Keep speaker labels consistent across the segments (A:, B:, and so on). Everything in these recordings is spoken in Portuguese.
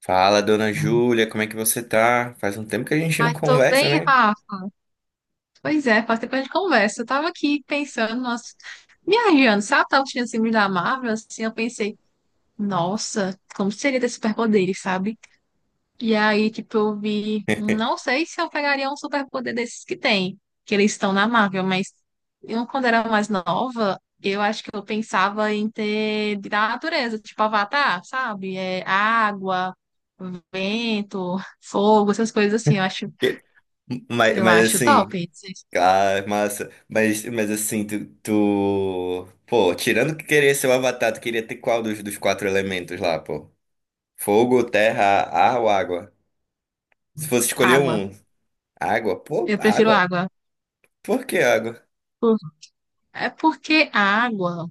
A: Fala, dona Júlia, como é que você tá? Faz um tempo que a gente não
B: Ai, tô
A: conversa,
B: bem,
A: né?
B: Rafa. Pois é, faz tempo que a gente conversa. Eu tava aqui pensando, nossa, viajando, sabe? Eu tava assistindo esse filme da Marvel, assim, eu pensei, nossa, como seria ter superpoderes, sabe? E aí, tipo, eu vi, não sei se eu pegaria um superpoder desses que tem, que eles estão na Marvel, mas eu, quando era mais nova, eu acho que eu pensava em ter da natureza, tipo Avatar, sabe? É água, vento, fogo, essas coisas assim, eu acho,
A: Que- Mas,
B: eu
A: mas
B: acho top.
A: assim, ah, massa. Mas assim, tu. Pô, tirando que queria ser o Avatar, tu queria ter qual dos quatro elementos lá, pô? Fogo, terra, ar ou água? Se fosse escolher
B: Água.
A: um, água? Pô,
B: Eu prefiro
A: água?
B: água.
A: Por que água?
B: Por- É porque a água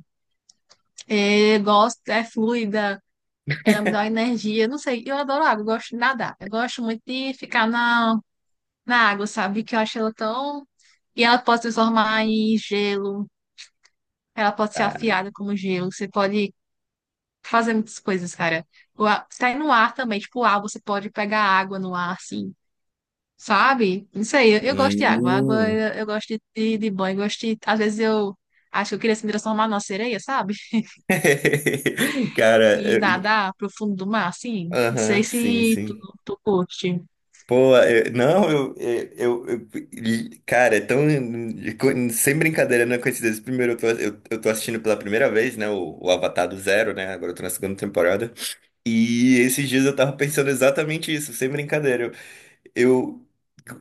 B: é, gosto, é fluida, ela me dá uma energia. Não sei, eu adoro água, eu gosto de nadar. Eu gosto muito de ficar na água, sabe? Que eu acho ela tão. E ela pode se transformar em gelo, ela pode ser
A: Ah.
B: afiada como gelo. Você pode fazer muitas coisas, cara. Sai no ar também, tipo, o ar, você pode pegar água no ar, assim. Sabe? Não sei, eu gosto de água. Água,
A: Hum.
B: eu gosto de banho, gosto de, às vezes eu acho que eu queria se me transformar numa sereia, sabe?
A: Cara,
B: E
A: eu-
B: nadar pro fundo do mar, assim. Não sei
A: Aham, sim,
B: se tu,
A: sim.
B: tu curte.
A: Pô, eu- não, eu- e, cara, é tão, sem brincadeira, não é coincidência. Primeiro, eu tô assistindo pela primeira vez, né, o Avatar do Zero, né, agora eu tô na segunda temporada. E esses dias eu tava pensando exatamente isso, sem brincadeira. Eu,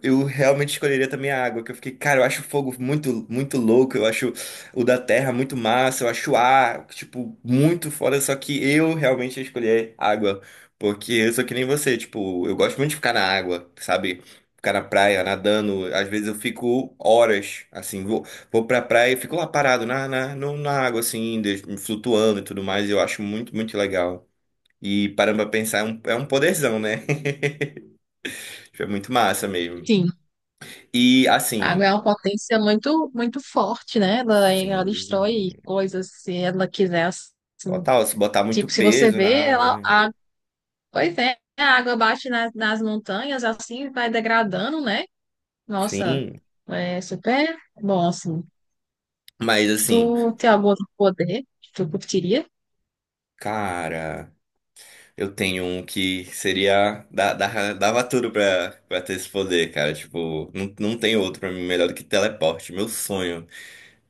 A: eu realmente escolheria também a água, que eu fiquei, cara, eu acho o fogo muito, muito louco, eu acho o da terra muito massa, eu acho o ar, tipo, muito foda, só que eu realmente ia escolher água, porque eu sou que nem você, tipo, eu gosto muito de ficar na água, sabe? Ficar na praia, nadando, às vezes eu fico horas, assim, vou, vou pra praia e fico lá parado na, na, no- na água, assim, flutuando e tudo mais, eu acho muito, muito legal. E parando pra pensar, é um poderzão, né? Tipo, é muito massa mesmo.
B: Sim,
A: E
B: a água
A: assim,
B: é uma potência muito, muito forte, né? Ela
A: sim,
B: destrói coisas se ela quiser.
A: total, se botar muito
B: Tipo, se você
A: peso
B: vê,
A: na, né,
B: pois é, a água nas montanhas, assim, vai degradando, né? Nossa,
A: sim,
B: é super bom, assim.
A: mas
B: Tu
A: assim,
B: tem algum outro poder que tu curtiria?
A: cara, eu tenho um que seria dá dá dava tudo pra, pra ter esse poder, cara, tipo, não, não tem outro pra mim melhor do que teleporte, meu sonho.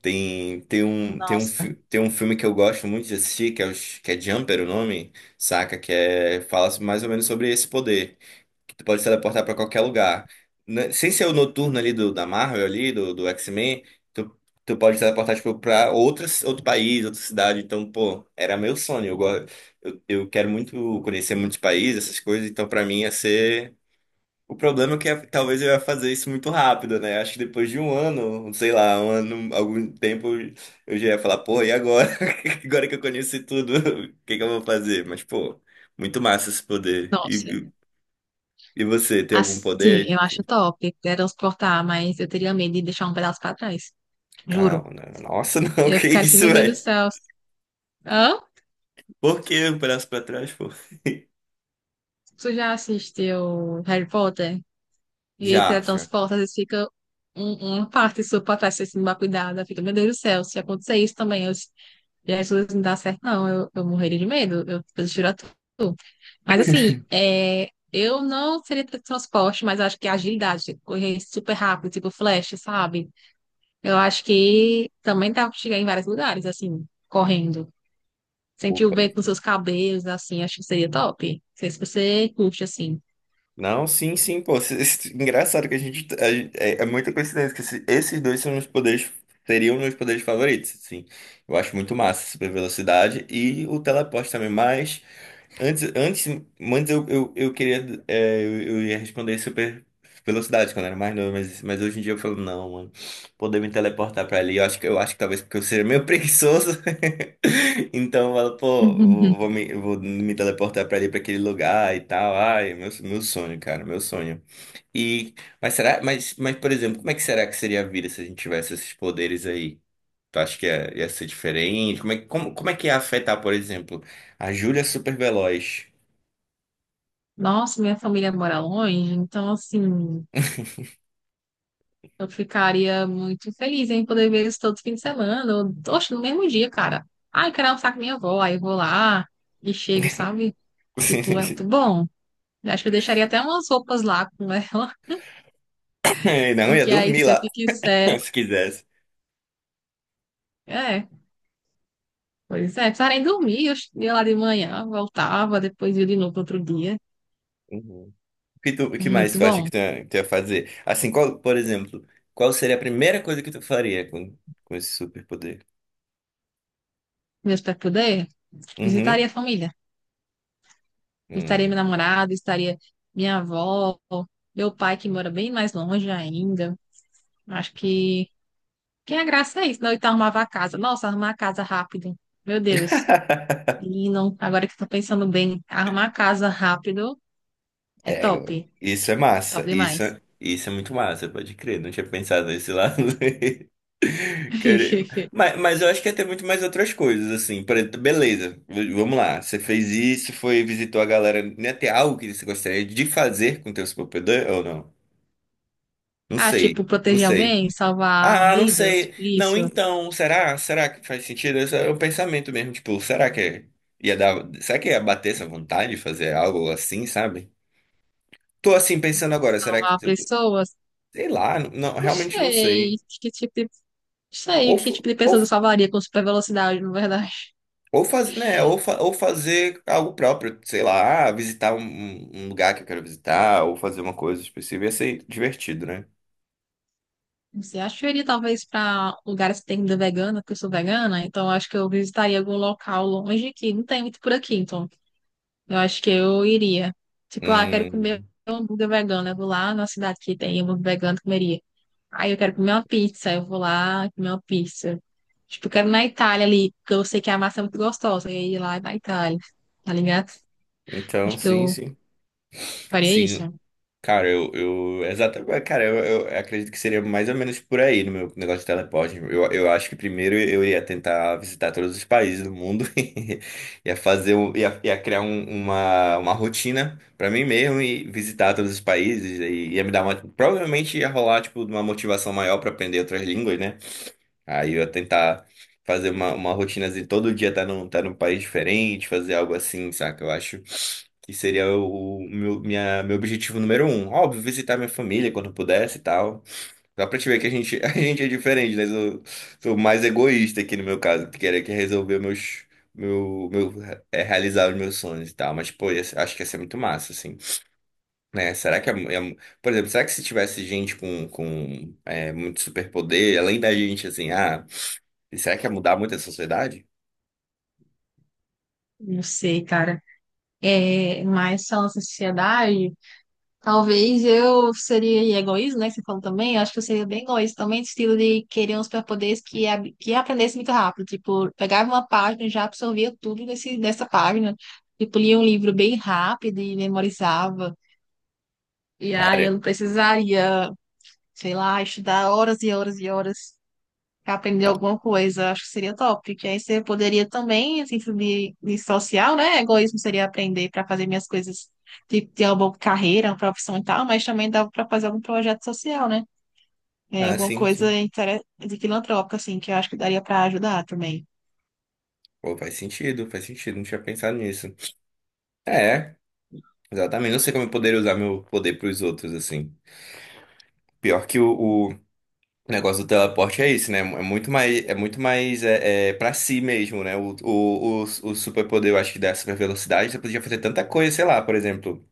A: Tem tem um tem um
B: Nossa,
A: fi- tem um filme que eu gosto muito de assistir, que é Jumper o nome, saca, que é fala mais ou menos sobre esse poder. Que tu pode se teleportar pra qualquer lugar. Né, sem ser o noturno ali do, da Marvel ali, do X-Men, tu, tu pode se teleportar, tipo, pra outro país, outra cidade. Então, pô, era meu sonho. Eu quero muito conhecer muitos países, essas coisas. Então, pra mim, ia ser... O problema é que talvez eu ia fazer isso muito rápido, né? Acho que depois de um ano, sei lá, um ano, algum tempo, eu já ia falar, pô, e agora? Agora que eu conheci tudo, o que que eu vou fazer? Mas, pô, muito massa esse poder.
B: nossa.
A: E você, tem algum
B: Assim,
A: poder?
B: eu acho top teletransportar, mas eu teria medo de deixar um pedaço pra trás. Juro.
A: Calma, não. Nossa, não,
B: Eu
A: que
B: ficaria assim,
A: isso,
B: meu Deus do
A: velho?
B: céu. Hã?
A: Por que o braço pra trás, pô?
B: Tu já assistiu Harry Potter? E aí
A: Já, já.
B: teletransporta, às vezes fica uma parte sua pra trás, você se não dá cuidado. Aí fica, meu Deus do céu, se acontecer isso também, eu Jesus, não dá certo, não. Eu morreria de medo. Eu prefiro a tu. Mas assim, é, eu não seria teletransporte, mas eu acho que a agilidade, tipo, correr super rápido, tipo flash, sabe? Eu acho que também dá pra chegar em vários lugares, assim, correndo. Sentir o
A: Opa.
B: vento nos seus cabelos, assim, acho que seria top. Não sei se você curte, assim.
A: Não, sim, sim, pô. Engraçado que a gente. É, é muita coincidência que esses dois são meus poderes. Seriam meus poderes favoritos, sim. Eu acho muito massa, super velocidade e o teleporte também, mas. Antes, antes, antes eu, eu queria. É, eu ia responder super velocidade quando era mais novo, mas hoje em dia eu falo, não, mano. Poder me teleportar pra ali. Eu acho que talvez porque eu seja meio preguiçoso. Então eu falo, pô, vou me teleportar pra ali, pra aquele lugar e tal. Ai, meu sonho, cara, meu sonho. E, mas será, mas, por exemplo, como é que será que seria a vida se a gente tivesse esses poderes aí? Tu acha que ia, ia ser diferente? Como é, como, como é que ia afetar, por exemplo, a Júlia é super veloz?
B: Nossa, minha família mora longe, então, assim. Eu ficaria muito feliz em poder ver isso todo fim de semana, ou, oxe, no mesmo dia, cara. Ai, quero almoçar com minha avó, aí eu vou lá e chego, sabe? Tipo, é muito bom. Eu acho que eu deixaria até umas roupas lá com ela,
A: É, não, ia
B: porque aí
A: dormir
B: sempre
A: lá,
B: que quiser.
A: se quisesse.
B: É, pois é, precisava nem dormir, eu ia lá de manhã, voltava, depois ia de novo no outro dia.
A: Uhum. O que, tu, o que mais
B: Muito
A: tu acha que
B: bom.
A: tu ia fazer? Assim, qual, por exemplo, qual seria a primeira coisa que tu faria com esse superpoder?
B: Meu superpoder, visitaria
A: Uhum.
B: a família. Visitaria meu
A: Hum.
B: namorado, visitaria minha avó, meu pai que mora bem mais longe ainda. Acho que é a graça é isso, não? Então arrumava a casa. Nossa, arrumar a casa rápido. Meu Deus. E não, agora que eu tô pensando bem, arrumar a casa rápido é top.
A: Isso é
B: Top
A: massa. Isso,
B: demais.
A: é, isso é muito massa, pode crer. Não tinha pensado nesse lado. Querer- Mas eu acho que ia ter muito mais outras coisas, assim. Por exemplo, beleza, vamos lá. Você fez isso, foi, visitou a galera. Ia ter algo que você gostaria de fazer com o teu superpoder ou não? Não
B: Ah,
A: sei,
B: tipo,
A: não
B: proteger
A: sei.
B: alguém, salvar
A: Ah, não
B: vidas,
A: sei. Não,
B: isso,
A: então, será? Será que faz sentido? Esse é o pensamento mesmo, tipo, ia dar. Será que ia bater essa vontade de fazer algo assim, sabe? Tô assim pensando agora, será
B: salvar
A: que.
B: pessoas.
A: Sei lá, não,
B: Não
A: realmente não
B: sei
A: sei.
B: não sei
A: Ou,
B: que
A: fa-
B: tipo de
A: ou,
B: pessoas eu salvaria com super velocidade, na verdade.
A: ou, faz, né, ou, fa- ou fazer algo próprio, sei lá, ah, visitar um, um lugar que eu quero visitar, ou fazer uma coisa específica, ia ser divertido, né?
B: Não sei, acho que eu iria talvez para lugares que tem comida vegana, porque eu sou vegana, então acho que eu visitaria algum local longe que não tem muito por aqui, então. Eu acho que eu iria. Tipo, ah, quero comer
A: Hum,
B: um hambúrguer vegano. Eu vou lá na cidade que tem hambúrguer vegano, comeria. Aí eu quero comer uma pizza. Eu vou lá comer uma pizza. Tipo, eu quero ir na Itália ali, porque eu sei que a massa é muito gostosa. E aí lá na Itália, tá ligado?
A: então,
B: Acho que
A: sim,
B: eu
A: sim.
B: faria
A: Sim,
B: isso.
A: cara, eu exatamente, cara, eu acredito que seria mais ou menos por aí no meu negócio de teleporte. Eu acho que primeiro eu ia tentar visitar todos os países do mundo, e ia fazer, ia criar uma rotina pra mim mesmo e visitar todos os países e ia me dar uma, provavelmente ia rolar tipo uma motivação maior pra aprender outras línguas, né? Aí eu ia tentar fazer uma rotina assim, todo dia tá num país diferente, fazer algo assim, saca? Eu acho que seria meu objetivo número um. Óbvio, visitar minha família quando pudesse e tal. Dá pra te ver que a gente, a gente é diferente, né? Eu sou mais egoísta aqui no meu caso, que queria que resolver meus. Meu, meu, realizar os meus sonhos e tal, mas pô, acho que ia ser muito massa, assim, né? Será que é, é- Por exemplo, será que se tivesse gente com, muito superpoder, além da gente, assim, ah. E será que ia mudar muito a sociedade?
B: Não sei, cara. É, mas falando em sociedade. Talvez eu seria egoísta, né? que Você falou também. Eu acho que eu seria bem egoísta também, do estilo de querer uns superpoderes que aprendesse muito rápido. Tipo, pegava uma página e já absorvia tudo dessa página. Tipo, lia um livro bem rápido e memorizava. E aí
A: Cara,
B: eu não precisaria, sei lá, estudar horas e horas e horas pra aprender
A: não.
B: alguma coisa. Acho que seria top. Que aí você poderia também, assim, subir de social, né? Egoísmo seria aprender para fazer minhas coisas, de ter uma boa carreira, uma profissão e tal, mas também dava para fazer algum projeto social, né? É,
A: Ah,
B: alguma
A: sim, sim.
B: coisa intere- de filantrópica, assim, que eu acho que daria para ajudar também.
A: Pô, faz sentido, faz sentido. Não tinha pensado nisso. É, exatamente. Não sei como eu poderia usar meu poder pros outros, assim. Pior que o negócio do teleporte é isso, né? É muito mais pra si mesmo, né? O superpoder, eu acho que da super velocidade, você podia fazer tanta coisa, sei lá, por exemplo.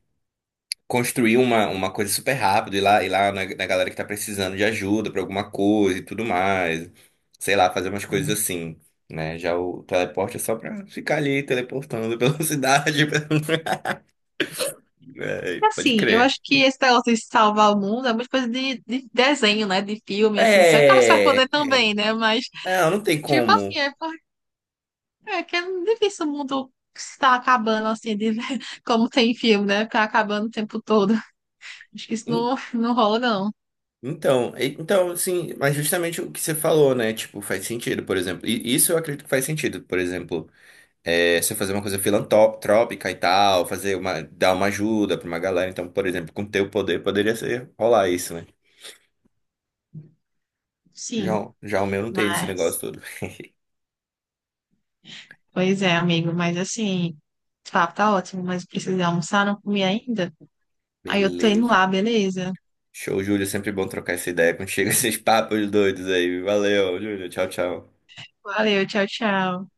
A: Construir uma coisa super rápido, ir lá na, na galera que tá precisando de ajuda pra alguma coisa e tudo mais. Sei lá, fazer umas coisas assim, né? Já o teleporte é só pra ficar ali teleportando pela cidade. É, pode
B: Assim, eu
A: crer.
B: acho que esse negócio de salvar o mundo é muita coisa de desenho, né? De filme, assim. Isso é claro que você vai
A: É.
B: poder
A: é.
B: também, né? Mas,
A: Não, não tem
B: tipo assim,
A: como.
B: é que é difícil o mundo estar acabando, assim, de, como tem em filme, né? Ficar acabando o tempo todo. Acho que isso
A: En-
B: não, não rola, não.
A: Então, então, sim, mas justamente o que você falou, né? Tipo, faz sentido, por exemplo. E isso eu acredito que faz sentido, por exemplo. É, você fazer uma coisa filantrópica e tal, fazer uma, dar uma ajuda pra uma galera. Então, por exemplo, com teu poder poderia ser rolar isso, né? Já,
B: Sim,
A: o- já o meu não tem esse negócio
B: mas...
A: todo.
B: Pois é, amigo, mas assim... O papo tá ótimo, mas eu preciso almoçar, não comi ainda. Aí eu tô indo
A: Beleza.
B: lá, beleza?
A: Show, Júlio. É sempre bom trocar essa ideia contigo, esses papos doidos aí. Valeu, Júlio. Tchau, tchau.
B: Valeu, tchau, tchau.